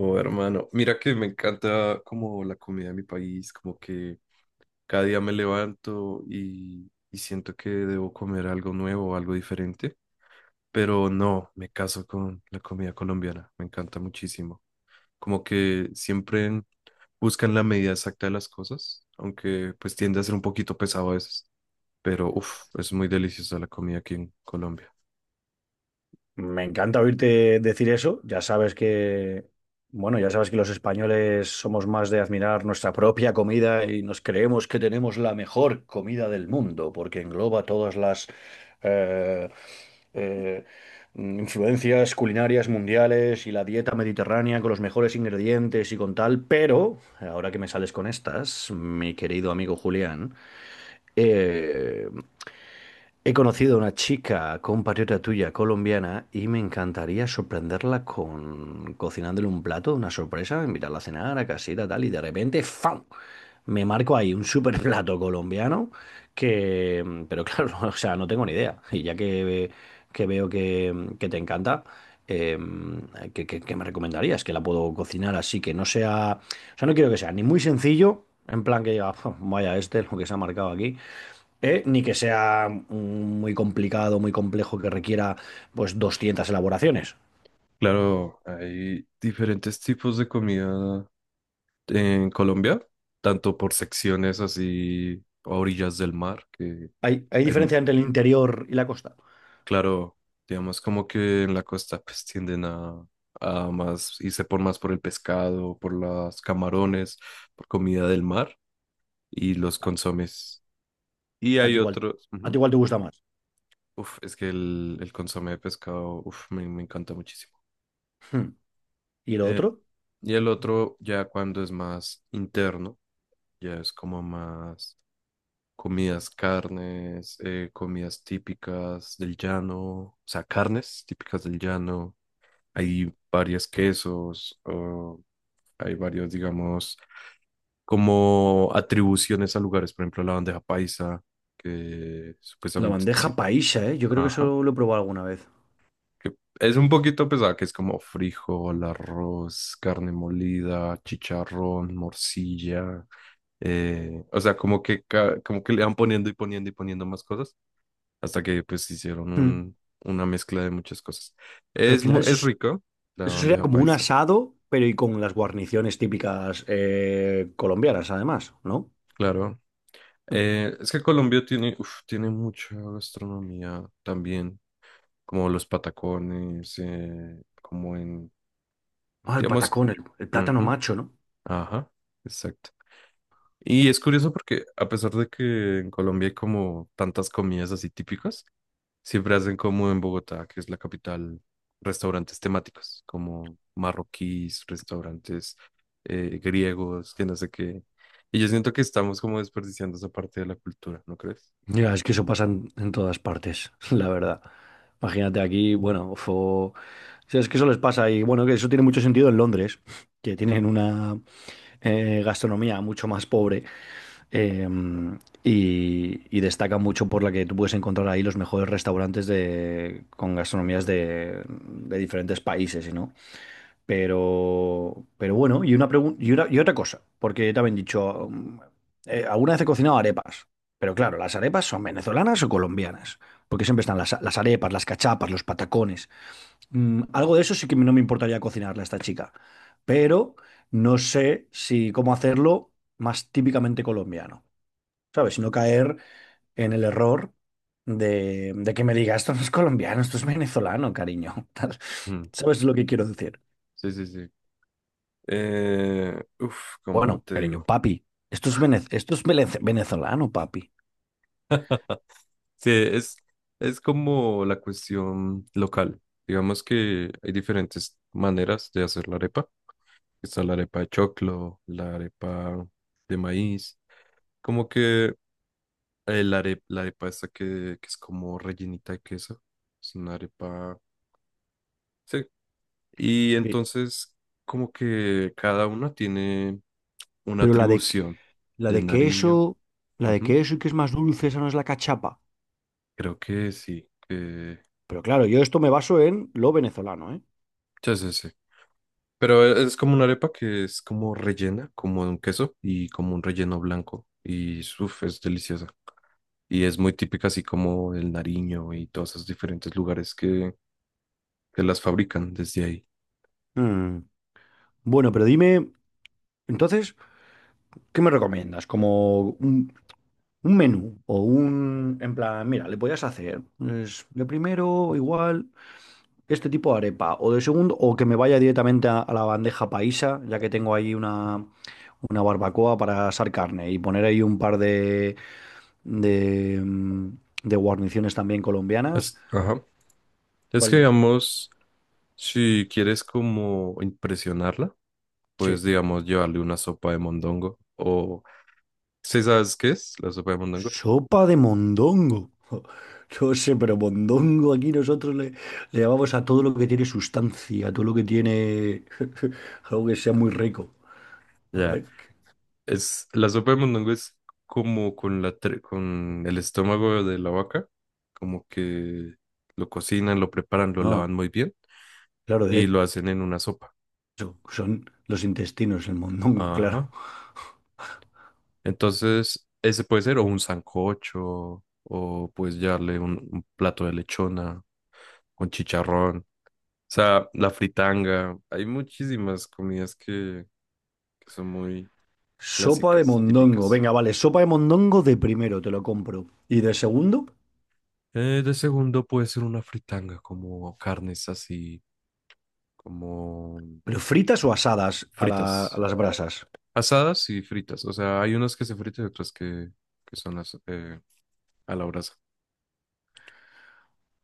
Oh, hermano, mira que me encanta como la comida de mi país, como que cada día me levanto y siento que debo comer algo nuevo, algo diferente, pero no, me caso con la comida colombiana, me encanta muchísimo. Como que siempre buscan la medida exacta de las cosas, aunque pues tiende a ser un poquito pesado a veces, pero uff, es muy deliciosa la comida aquí en Colombia. Me encanta oírte decir eso. Ya sabes que, bueno, ya sabes que los españoles somos más de admirar nuestra propia comida y nos creemos que tenemos la mejor comida del mundo, porque engloba todas las eh, eh, influencias culinarias mundiales y la dieta mediterránea con los mejores ingredientes y con tal. Pero ahora que me sales con estas, mi querido amigo Julián, eh, he conocido a una chica compatriota tuya colombiana y me encantaría sorprenderla con cocinándole un plato, una sorpresa, invitarla a cenar a casita, tal, y de repente, ¡fam! Me marco ahí un super plato colombiano que, pero claro, o sea, no tengo ni idea. Y ya que veo que te encanta, eh, ¿qué me recomendarías? Que la puedo cocinar así, que no sea, o sea, no quiero que sea ni muy sencillo, en plan que diga: "Uf, vaya, este es lo que se ha marcado aquí, ¿eh?". Ni que sea muy complicado, muy complejo, que requiera pues 200 elaboraciones. Claro, hay diferentes tipos de comida en Colombia, tanto por secciones así a orillas del mar, que Hay hay, mu- diferencia entre el interior y la costa. claro, digamos como que en la costa pues tienden a más y se por más por el pescado, por los camarones, por comida del mar y los A, consomes. Y a ti hay igual, otros, a ti ujú. igual te gusta más. Uf, es que el consomé de pescado, uf, me encanta muchísimo. Hmm. ¿Y lo Eh, otro? y el otro ya cuando es más interno, ya es como más comidas, carnes, comidas típicas del llano, o sea, carnes típicas del llano. Hay varios quesos, o hay varios, digamos, como atribuciones a lugares, por ejemplo, la bandeja paisa, que La supuestamente sí, bandeja paisa, ¿eh? Yo creo que ajá, eso lo he probado alguna vez. que es un poquito pesada, que es como frijol, arroz, carne molida, chicharrón, morcilla, o sea, como que, como que le van poniendo y poniendo y poniendo más cosas hasta que pues hicieron Hmm. Una mezcla de muchas cosas. Pero al Es, final es rico la eso sería bandeja como un paisa, asado, pero y con las guarniciones típicas, colombianas, además, ¿no? claro. Es que Colombia tiene, uf, tiene mucha gastronomía también, como los patacones, como en, Ah, el digamos, patacón, el plátano ujú, macho, ¿no? ajá, exacto. Y es curioso porque a pesar de que en Colombia hay como tantas comidas así típicas, siempre hacen como en Bogotá, que es la capital, restaurantes temáticos, como marroquíes, restaurantes griegos, que no sé qué. Y yo siento que estamos como desperdiciando esa parte de la cultura, ¿no crees? Ya, es que eso pasa en todas partes, la verdad. Imagínate aquí, bueno, es que eso les pasa y bueno, que eso tiene mucho sentido en Londres, que tienen una gastronomía mucho más pobre. eh, y, y destaca mucho por la que tú puedes encontrar ahí los mejores restaurantes de, con gastronomías de diferentes países, ¿no? Pero bueno, y una pregunta y otra cosa, porque también he dicho, alguna vez he cocinado arepas, pero claro, ¿las arepas son venezolanas o colombianas? Porque siempre están las arepas, las cachapas, los patacones. Mm, algo de eso sí que no me importaría cocinarle a esta chica, pero no sé si cómo hacerlo más típicamente colombiano, ¿sabes? Si no caer en el error de que me diga, esto no es colombiano, esto es venezolano, cariño. Mm, ¿Sabes lo que quiero decir? sí, sí, sí. Uf, ¿cómo Bueno, te cariño, digo? papi, venezolano, papi. Sí, es como la cuestión local. Digamos que hay diferentes maneras de hacer la arepa. Está la arepa de choclo, la arepa de maíz. Como que la arepa esta que es como rellenita de queso. Es una arepa. Sí. Y Pe- entonces, como que cada una tiene una Pero la de, atribución la del de Nariño. queso, la de Ujú. queso y que es más dulce, esa no es la cachapa. Creo que sí. Pero claro, yo esto me baso en lo venezolano, ¿eh? Ya sé, sí. Pero es como una arepa que es como rellena, como de un queso y como un relleno blanco. Y uf, es deliciosa. Y es muy típica así como del Nariño y todos esos diferentes lugares que las fabrican desde ahí. Mm, bueno, pero dime, entonces, ¿qué me recomiendas? Como un menú o un, en plan, mira, le podías hacer pues, de primero, igual este tipo de arepa, o de segundo, o que me vaya directamente a la bandeja paisa, ya que tengo ahí una barbacoa para asar carne y poner ahí un par de, mm, de guarniciones también colombianas. Ajá. Es que, ¿Cuál? digamos, si quieres como impresionarla, Che, pues, digamos, llevarle una sopa de mondongo o... ¿Sí sabes qué es la sopa de mondongo? sopa de mondongo. No sé, pero mondongo aquí nosotros le llamamos a todo lo que tiene sustancia, a todo lo que tiene algo que sea muy rico. A Ya, ver. es... La sopa de mondongo es como con con el estómago de la vaca, como que lo cocinan, lo preparan, lo Ah, lavan muy bien claro, y de lo hacen en una sopa. hecho, son los intestinos, el mondongo, claro. Ajá. Entonces, ese puede ser o un sancocho o pues llevarle un plato de lechona con chicharrón. O sea, la fritanga. Hay muchísimas comidas que son muy Sopa de clásicas, mondongo. típicas. Venga, vale, sopa de mondongo de primero, te lo compro. ¿Y de segundo? De segundo puede ser una fritanga, como carnes así, como Pero ¿fritas o asadas a, a fritas. las brasas? Asadas y fritas. O sea, hay unas que se fritan y otras que son las a la brasa.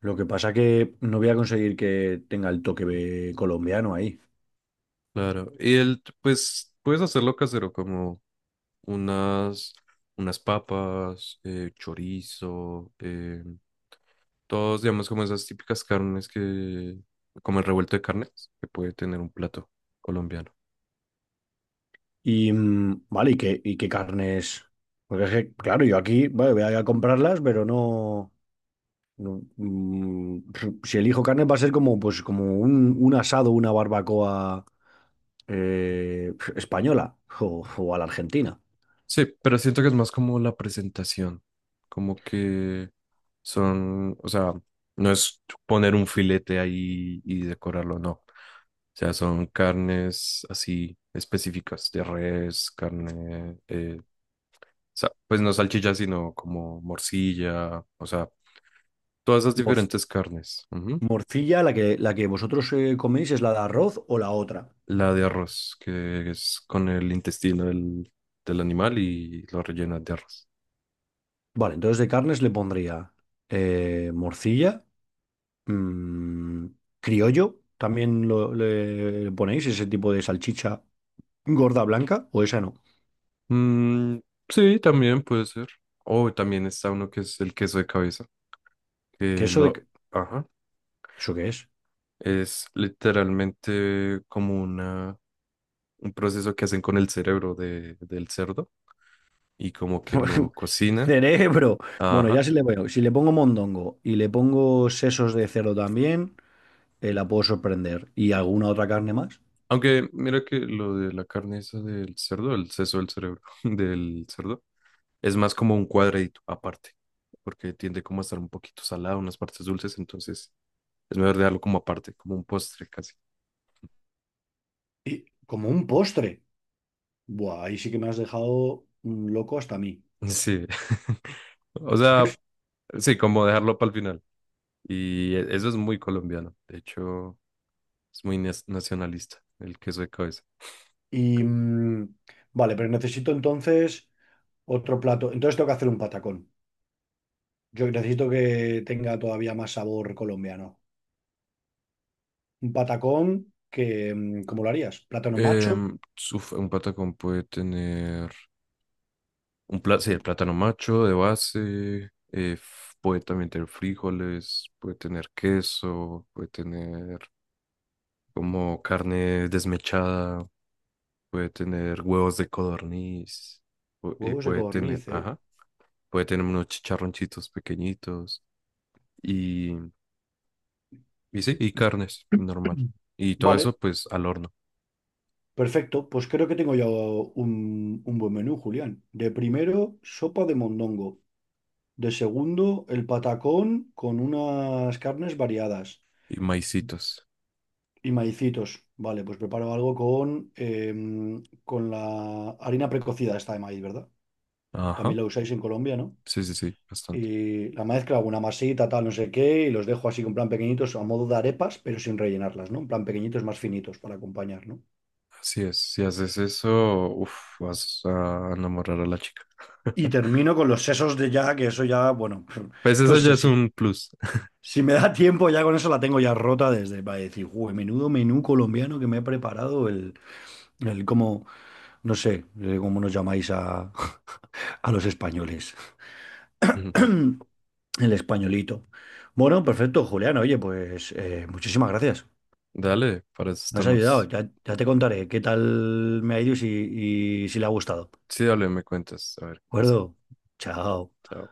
Lo que pasa que no voy a conseguir que tenga el toque de colombiano ahí. Claro. Y el, pues, puedes hacerlo casero, como unas, unas papas, chorizo, todos, digamos, como esas típicas carnes que, como el revuelto de carnes, que puede tener un plato colombiano. Y mm, vale, y qué carnes? Porque es que, claro, yo aquí, vale, voy a ir a comprarlas, pero no, mm, si elijo carne va a ser como, pues, como un asado, una barbacoa española o a la argentina. Sí, pero siento que es más como la presentación, como que son, o sea, no es poner un filete ahí y decorarlo, no. O sea, son carnes así específicas, de res, carne, o pues no salchicha, sino como morcilla, o sea, todas esas Mor- diferentes carnes. Ujú. Morcilla, la la que vosotros coméis, ¿es la de arroz o la otra? La de arroz, que es con el intestino del animal y lo rellenas de arroz. Vale, entonces de carnes le pondría morcilla, mm, criollo, también le ponéis ese tipo de salchicha gorda blanca, o esa no. Mm, sí, también puede ser. O también está uno que es el queso de cabeza, Que que eso de... lo... que- Ajá. ¿Eso qué es? Es literalmente como una, un proceso que hacen con el cerebro de, del cerdo y como que lo cocinan. Cerebro. Bueno, ya Ajá. si le veo, si le pongo mondongo y le pongo sesos de cerdo también, la puedo sorprender. ¿Y alguna otra carne más? Aunque mira que lo de la carne esa del cerdo, el seso del cerebro del cerdo, es más como un cuadradito aparte, porque tiende como a estar un poquito salado, unas partes dulces, entonces es mejor dejarlo como aparte, como un postre casi. Y como un postre. Buah, ahí sí que me has dejado mm, loco hasta a mí. Sí. O sea, sí, como dejarlo para el final. Y eso es muy colombiano. De hecho, es muy nacionalista el queso de cabeza. Y... mm, vale, pero necesito entonces... otro plato. Entonces tengo que hacer un patacón. Yo necesito que tenga todavía más sabor colombiano. Un patacón que, mm, ¿cómo lo harías? Plátano macho, Em, Uf, un patacón puede tener un plátano, sí, el plátano macho de base. Puede también tener frijoles, puede tener queso, puede tener como carne desmechada, puede tener huevos de codorniz, huevos de puede tener, codorniz, ¿eh? ajá, puede tener unos chicharroncitos pequeñitos y, y sí, y carnes normal. Y todo eso Vale, pues al horno perfecto. Pues creo que tengo ya un buen menú, Julián. De primero, sopa de mondongo. De segundo, el patacón con unas carnes variadas y maicitos. y maicitos. Vale, pues preparo algo con, em, con la harina precocida esta de maíz, ¿verdad? Ajá, ¿También lo usáis en Colombia, no? sí, sí, sí, bastante. Y la mezcla, una masita, tal, no sé qué, y los dejo así con plan pequeñitos, a modo de arepas, pero sin rellenarlas, ¿no? En plan pequeñitos más finitos para acompañar, ¿no? Así es, si haces eso, uf, vas a enamorar a la chica. Y termino con los sesos de ya, que eso ya, bueno, Pues no eso ya sé es si, un plus. si me da tiempo, ya con eso la tengo ya rota desde para decir: "Jue, menudo menú colombiano que me he preparado, el cómo, no sé, cómo nos llamáis a, a los españoles, el españolito". Bueno, perfecto, Julián, oye, pues muchísimas gracias. Dale, para eso Me has ayudado. estamos. Ya, ya te contaré qué tal me ha ido y si le ha gustado. ¿De Sí, dale, me cuentas, a ver qué pasa. acuerdo? Chao. Chao.